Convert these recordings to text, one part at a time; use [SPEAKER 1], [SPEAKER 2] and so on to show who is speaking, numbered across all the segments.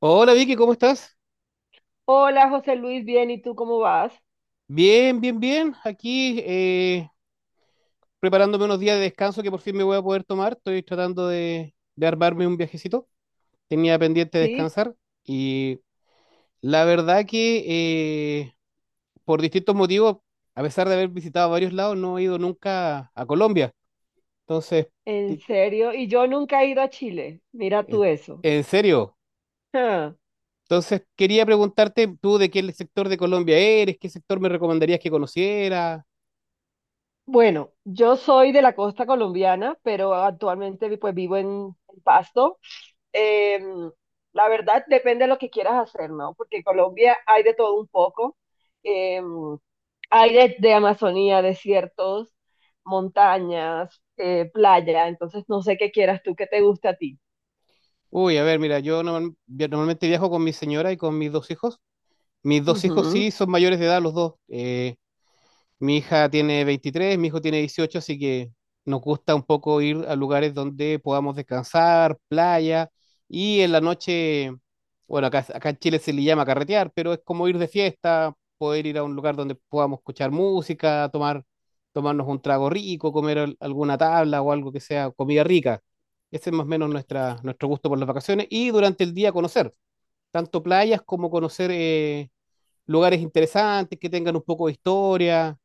[SPEAKER 1] Hola Vicky, ¿cómo estás?
[SPEAKER 2] Hola José Luis, bien, ¿y tú cómo vas?
[SPEAKER 1] Bien, bien, bien. Aquí preparándome unos días de descanso que por fin me voy a poder tomar. Estoy tratando de armarme un viajecito. Tenía pendiente
[SPEAKER 2] Sí,
[SPEAKER 1] descansar y la verdad que por distintos motivos, a pesar de haber visitado varios lados, no he ido nunca a Colombia. Entonces,
[SPEAKER 2] en
[SPEAKER 1] ti-
[SPEAKER 2] serio, y yo nunca he ido a Chile, mira tú
[SPEAKER 1] en,
[SPEAKER 2] eso.
[SPEAKER 1] en serio.
[SPEAKER 2] Ah,
[SPEAKER 1] Entonces, quería preguntarte tú de qué sector de Colombia eres, qué sector me recomendarías que conociera.
[SPEAKER 2] bueno, yo soy de la costa colombiana, pero actualmente pues vivo en Pasto. Em, la verdad depende de lo que quieras hacer, ¿no? Porque en Colombia hay de todo un poco. Em, Hay de Amazonía, desiertos, montañas, playa, entonces no sé qué quieras tú, qué te gusta a ti.
[SPEAKER 1] Uy, a ver, mira, yo normalmente viajo con mi señora y con mis dos hijos. Mis dos hijos sí
[SPEAKER 2] Ujú.
[SPEAKER 1] son mayores de edad los dos. Mi hija tiene 23, mi hijo tiene 18, así que nos gusta un poco ir a lugares donde podamos descansar, playa, y en la noche, bueno, acá en Chile se le llama carretear, pero es como ir de fiesta, poder ir a un lugar donde podamos escuchar música, tomarnos un trago rico, comer alguna tabla o algo que sea comida rica. Ese es más o menos nuestro gusto por las vacaciones y durante el día conocer, tanto playas como conocer lugares interesantes que tengan un poco de historia.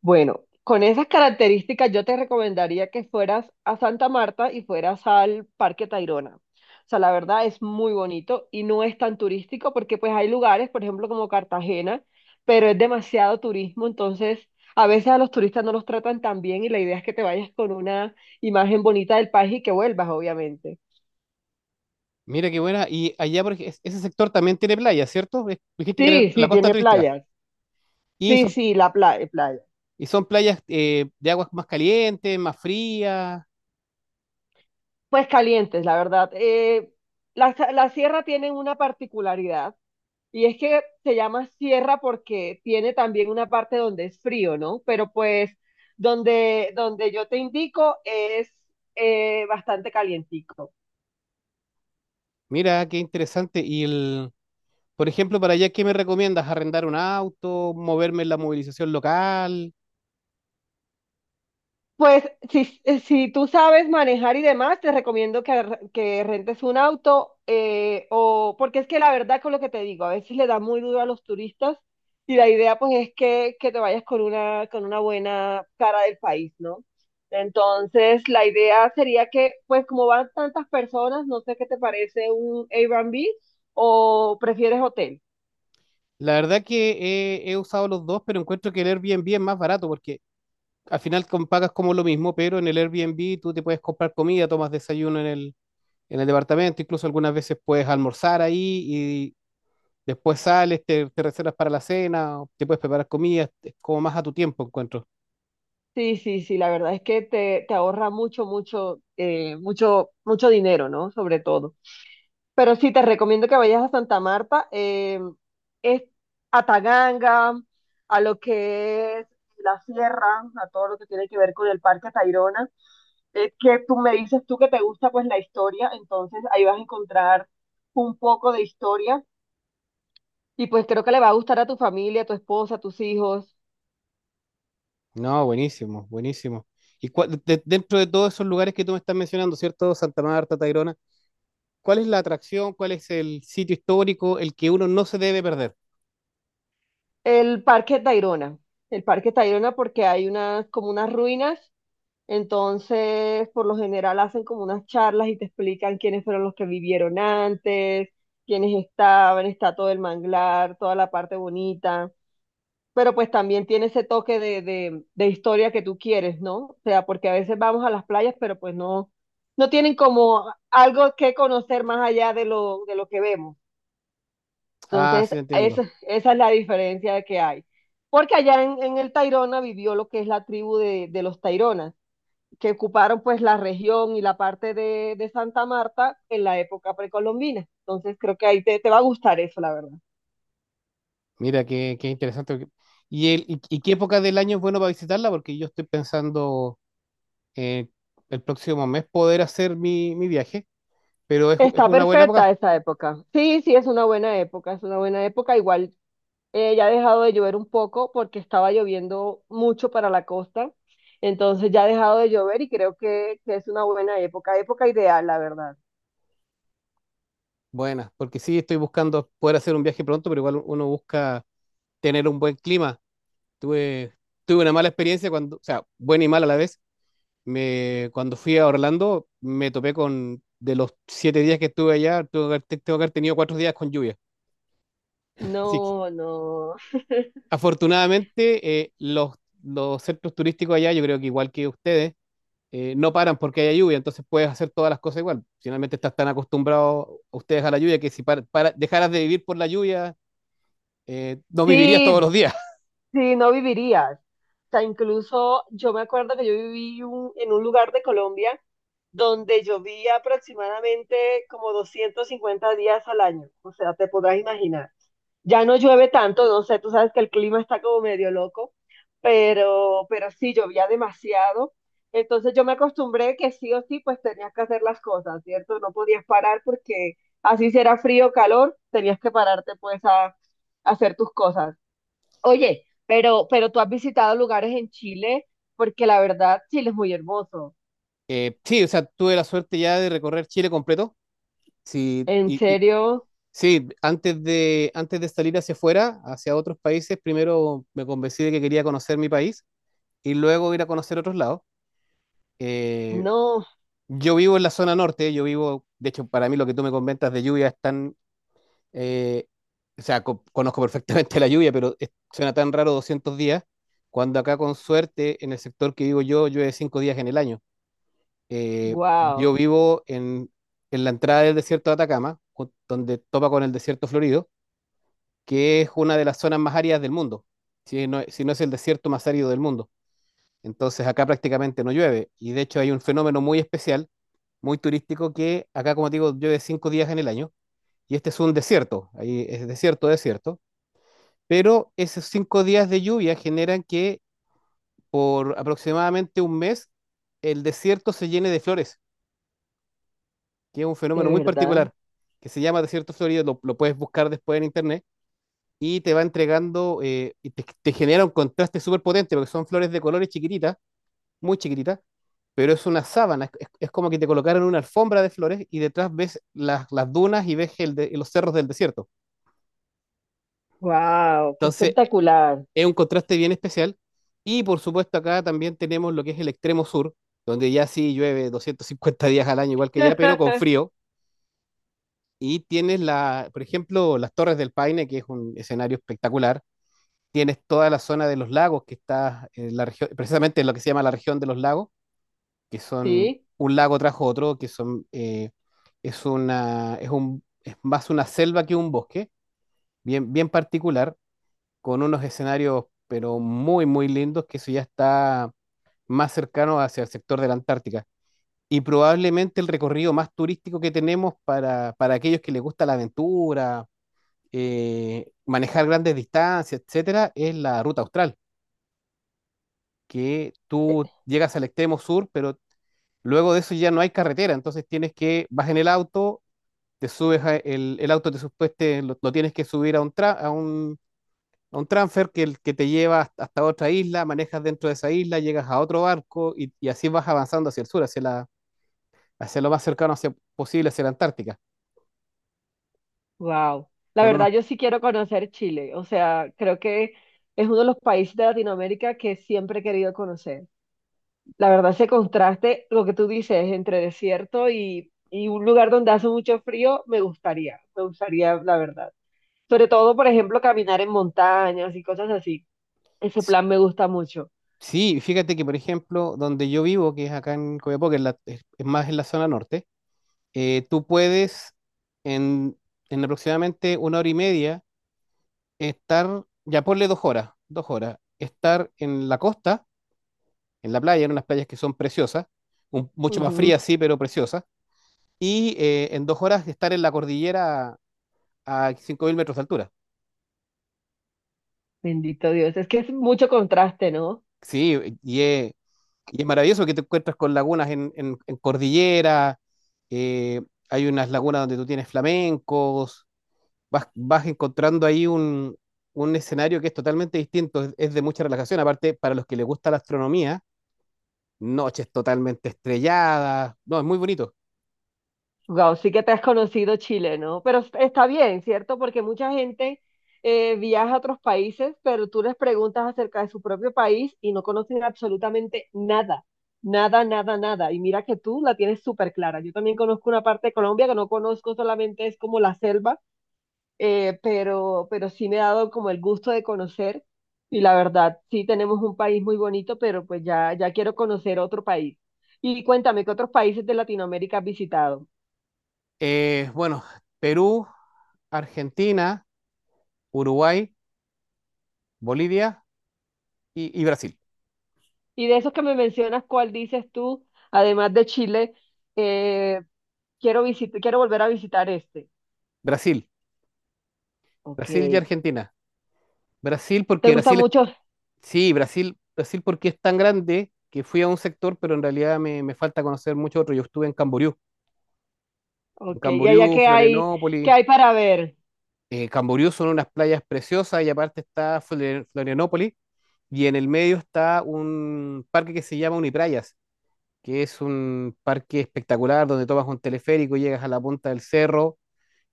[SPEAKER 2] Bueno, con esas características yo te recomendaría que fueras a Santa Marta y fueras al Parque Tayrona. O sea, la verdad es muy bonito y no es tan turístico porque pues hay lugares, por ejemplo, como Cartagena, pero es demasiado turismo, entonces a veces a los turistas no los tratan tan bien y la idea es que te vayas con una imagen bonita del país y que vuelvas, obviamente.
[SPEAKER 1] Mira qué buena. Y allá, ese sector también tiene playas, ¿cierto? Dijiste que era
[SPEAKER 2] Sí,
[SPEAKER 1] la
[SPEAKER 2] sí,
[SPEAKER 1] costa
[SPEAKER 2] tiene
[SPEAKER 1] turística.
[SPEAKER 2] playas.
[SPEAKER 1] Y
[SPEAKER 2] Sí,
[SPEAKER 1] son,
[SPEAKER 2] sí, la playa, playa.
[SPEAKER 1] y son playas de aguas más calientes, más frías.
[SPEAKER 2] Pues calientes, la verdad. La sierra tiene una particularidad. Y es que se llama sierra porque tiene también una parte donde es frío, ¿no? Pero pues donde yo te indico es bastante calientico.
[SPEAKER 1] Mira, qué interesante. Por ejemplo, para allá, ¿qué me recomiendas? ¿Arrendar un auto? ¿Moverme en la movilización local?
[SPEAKER 2] Pues si, si tú sabes manejar y demás, te recomiendo que rentes un auto o porque es que la verdad con lo que te digo, a veces le da muy duro a los turistas y la idea pues es que te vayas con con una buena cara del país, ¿no? Entonces la idea sería que pues como van tantas personas, no sé qué te parece un Airbnb o prefieres hotel.
[SPEAKER 1] La verdad que he usado los dos, pero encuentro que el Airbnb es más barato porque al final pagas como lo mismo, pero en el Airbnb tú te puedes comprar comida, tomas desayuno en el departamento, incluso algunas veces puedes almorzar ahí. Después sales, te reservas para la cena, o te puedes preparar comidas, es como más a tu tiempo encuentro.
[SPEAKER 2] Sí, sí, sí, la verdad es que te ahorra mucho, mucho, mucho, mucho dinero, ¿no? Sobre todo. Pero sí, te recomiendo que vayas a Santa Marta, es a Taganga, a lo que es la sierra, a todo lo que tiene que ver con el Parque Tayrona. Es que tú me dices tú que te gusta pues la historia, entonces ahí vas a encontrar un poco de historia y pues creo que le va a gustar a tu familia, a tu esposa, a tus hijos.
[SPEAKER 1] No, buenísimo, buenísimo. Y dentro de todos esos lugares que tú me estás mencionando, ¿cierto? Santa Marta, Tayrona, ¿cuál es la atracción? ¿Cuál es el sitio histórico, el que uno no se debe perder?
[SPEAKER 2] El Parque Tayrona, el Parque Tayrona porque hay unas como unas ruinas. Entonces, por lo general hacen como unas charlas y te explican quiénes fueron los que vivieron antes, quiénes estaban, está todo el manglar, toda la parte bonita. Pero pues también tiene ese toque de historia que tú quieres, ¿no? O sea, porque a veces vamos a las playas, pero pues no, no tienen como algo que conocer más allá de lo que vemos.
[SPEAKER 1] Ah,
[SPEAKER 2] Entonces,
[SPEAKER 1] sí, entiendo.
[SPEAKER 2] esa es la diferencia que hay. Porque allá en el Tayrona vivió lo que es la tribu de los Taironas que ocuparon pues la región y la parte de Santa Marta en la época precolombina. Entonces creo que ahí te va a gustar eso, la verdad.
[SPEAKER 1] Mira, qué interesante. ¿Y, y qué época del año es bueno para visitarla? Porque yo estoy pensando eh, el próximo mes poder hacer mi viaje, pero es
[SPEAKER 2] Está
[SPEAKER 1] una buena
[SPEAKER 2] perfecta
[SPEAKER 1] época.
[SPEAKER 2] esa época. Sí, sí, es una buena época, es una buena época. Igual ya ha dejado de llover un poco porque estaba lloviendo mucho para la costa. Entonces ya ha dejado de llover y creo que es una buena época, época ideal, la verdad.
[SPEAKER 1] Buenas, porque sí estoy buscando poder hacer un viaje pronto, pero igual uno busca tener un buen clima. Tuve, tuve una mala experiencia cuando, o sea, buena y mala a la vez. Cuando fui a Orlando, me topé con, de los 7 días que estuve allá, tengo que haber tenido 4 días con lluvia. Así que,
[SPEAKER 2] No, no.
[SPEAKER 1] afortunadamente, los centros turísticos allá, yo creo que igual que ustedes, no paran porque haya lluvia, entonces puedes hacer todas las cosas igual. Finalmente estás tan acostumbrados ustedes a la lluvia que si dejaras de vivir por la lluvia, no vivirías todos
[SPEAKER 2] Sí,
[SPEAKER 1] los días.
[SPEAKER 2] sí, no vivirías. O sea, incluso yo me acuerdo que yo en un lugar de Colombia donde llovía aproximadamente como 250 días al año. O sea, te podrás imaginar. Ya no llueve tanto, no sé, tú sabes que el clima está como medio loco, pero sí llovía demasiado. Entonces yo me acostumbré que sí o sí, pues tenías que hacer las cosas, ¿cierto? No podías parar porque así si era frío o calor, tenías que pararte pues a hacer tus cosas. Oye, pero tú has visitado lugares en Chile, porque la verdad, Chile es muy hermoso.
[SPEAKER 1] Sí, o sea, tuve la suerte ya de recorrer Chile completo. Sí,
[SPEAKER 2] ¿En
[SPEAKER 1] y, y-
[SPEAKER 2] serio?
[SPEAKER 1] sí, antes de salir hacia afuera, hacia otros países, primero me convencí de que quería conocer mi país y luego ir a conocer otros lados. Eh,
[SPEAKER 2] No,
[SPEAKER 1] yo vivo en la zona norte, yo vivo, de hecho, para mí lo que tú me comentas de lluvia es tan, eh, o sea, conozco perfectamente la lluvia, suena tan raro 200 días, cuando acá con suerte en el sector que vivo yo llueve 5 días en el año. Eh, yo
[SPEAKER 2] wow,
[SPEAKER 1] vivo en, en la entrada del desierto de Atacama, donde topa con el desierto florido, que es una de las zonas más áridas del mundo, si no, si no es el desierto más árido del mundo. Entonces acá prácticamente no llueve y de hecho hay un fenómeno muy especial, muy turístico, que acá, como te digo, llueve 5 días en el año y este es un desierto, ahí es desierto, desierto, pero esos 5 días de lluvia generan que por aproximadamente 1 mes el desierto se llene de flores, que es un
[SPEAKER 2] de
[SPEAKER 1] fenómeno muy
[SPEAKER 2] verdad,
[SPEAKER 1] particular, que se llama desierto florido, lo puedes buscar después en internet, y te va entregando, te genera un contraste súper potente, porque son flores de colores chiquititas, muy chiquititas, pero es una sábana, es como que te colocaron una alfombra de flores y detrás ves las dunas y ves los cerros del desierto.
[SPEAKER 2] wow, qué
[SPEAKER 1] Entonces,
[SPEAKER 2] espectacular.
[SPEAKER 1] es un contraste bien especial. Y por supuesto, acá también tenemos lo que es el extremo sur, donde ya sí llueve 250 días al año, igual que allá, pero con frío. Y tienes la, por ejemplo, las Torres del Paine, que es un escenario espectacular. Tienes toda la zona de los lagos que está en la región, precisamente en lo que se llama la región de los lagos, que son
[SPEAKER 2] Sí,
[SPEAKER 1] un lago tras otro, que son es una es más una selva que un bosque, bien bien particular, con unos escenarios pero muy muy lindos, que eso ya está más cercano hacia el sector de la Antártica y probablemente el recorrido más turístico que tenemos para aquellos que les gusta la aventura, manejar grandes distancias, etcétera, es la ruta austral, que tú llegas al extremo sur, pero luego de eso ya no hay carretera, entonces tienes que, vas en el auto, te subes, el auto te supueste, lo tienes que subir a un, a un transfer que, que te lleva hasta otra isla, manejas dentro de esa isla, llegas a otro barco y así vas avanzando hacia el sur, hacia lo más cercano posible hacia la Antártica.
[SPEAKER 2] wow. La
[SPEAKER 1] Por
[SPEAKER 2] verdad,
[SPEAKER 1] unos
[SPEAKER 2] yo sí quiero conocer Chile. O sea, creo que es uno de los países de Latinoamérica que siempre he querido conocer. La verdad, ese contraste, lo que tú dices, entre desierto y un lugar donde hace mucho frío, me gustaría, la verdad. Sobre todo, por ejemplo, caminar en montañas y cosas así. Ese plan me gusta mucho.
[SPEAKER 1] sí, fíjate que, por ejemplo, donde yo vivo, que es acá en Copiapó, que es, es más en la zona norte, eh, tú puedes en, en aproximadamente 1 hora y media estar, ya ponle 2 horas, 2 horas, estar en la costa, en la playa, en unas playas que son preciosas, mucho más
[SPEAKER 2] Ujú.
[SPEAKER 1] frías, sí, pero preciosas, y en 2 horas estar en la cordillera a 5.000 metros de altura.
[SPEAKER 2] Bendito Dios. Es que es mucho contraste, ¿no?
[SPEAKER 1] Sí, y es Y es maravilloso que te encuentras con lagunas en cordillera, eh, hay unas lagunas donde tú tienes flamencos, vas encontrando ahí un escenario que es totalmente distinto, es de mucha relajación, aparte para los que les gusta la astronomía, noches totalmente estrelladas, no, es muy bonito.
[SPEAKER 2] Wow, sí que te has conocido Chile, ¿no? Pero está bien, ¿cierto? Porque mucha gente viaja a otros países, pero tú les preguntas acerca de su propio país y no conocen absolutamente nada. Nada, nada, nada. Y mira que tú la tienes súper clara. Yo también conozco una parte de Colombia que no conozco, solamente es como la selva pero sí me ha dado como el gusto de conocer y la verdad, sí tenemos un país muy bonito, pero pues ya, ya quiero conocer otro país. Y cuéntame, ¿qué otros países de Latinoamérica has visitado?
[SPEAKER 1] Eh, bueno, Perú, Argentina, Uruguay, Bolivia y Brasil.
[SPEAKER 2] Y de esos que me mencionas, ¿cuál dices tú, además de Chile, eh, quiero volver a visitar este?
[SPEAKER 1] Brasil,
[SPEAKER 2] Ok,
[SPEAKER 1] Brasil y Argentina. Brasil
[SPEAKER 2] ¿te
[SPEAKER 1] porque
[SPEAKER 2] gusta
[SPEAKER 1] Brasil es
[SPEAKER 2] mucho?
[SPEAKER 1] sí, Brasil, Brasil porque es tan grande que fui a un sector, pero en realidad me falta conocer mucho otro. Yo estuve en
[SPEAKER 2] Ok, ¿y allá
[SPEAKER 1] Camboriú,
[SPEAKER 2] qué
[SPEAKER 1] Florianópolis.
[SPEAKER 2] hay para ver?
[SPEAKER 1] Camboriú son unas playas preciosas y aparte está Florianópolis y en el medio está un parque que se llama Uniprayas, que es un parque espectacular donde tomas un teleférico, llegas a la punta del cerro,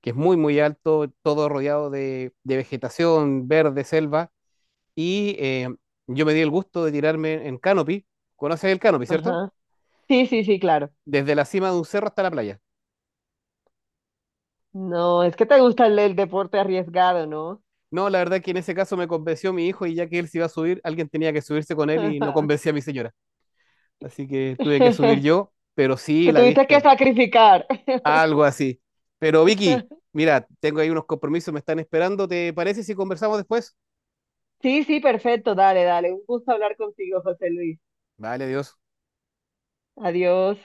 [SPEAKER 1] que es muy, muy alto, todo rodeado de vegetación, verde, selva. Y eh, yo me di el gusto de tirarme en canopy. ¿Conoces el canopy, cierto?
[SPEAKER 2] Ajá. Sí, sí, sí, claro.
[SPEAKER 1] Desde la cima de un cerro hasta la playa.
[SPEAKER 2] No, es que te gusta el deporte arriesgado, ¿no?
[SPEAKER 1] No, la verdad que en ese caso me convenció mi hijo y ya que él se iba a subir, alguien tenía que subirse con él y no convencía a mi señora. Así que tuve que subir yo, pero sí,
[SPEAKER 2] Te
[SPEAKER 1] la
[SPEAKER 2] tuviste que
[SPEAKER 1] vista,
[SPEAKER 2] sacrificar.
[SPEAKER 1] algo así. Pero Vicky, mira, tengo ahí unos compromisos, me están esperando. ¿Te parece si conversamos después?
[SPEAKER 2] Sí, sí, perfecto. Dale, dale. Un gusto hablar contigo, José Luis.
[SPEAKER 1] Vale, adiós.
[SPEAKER 2] Adiós.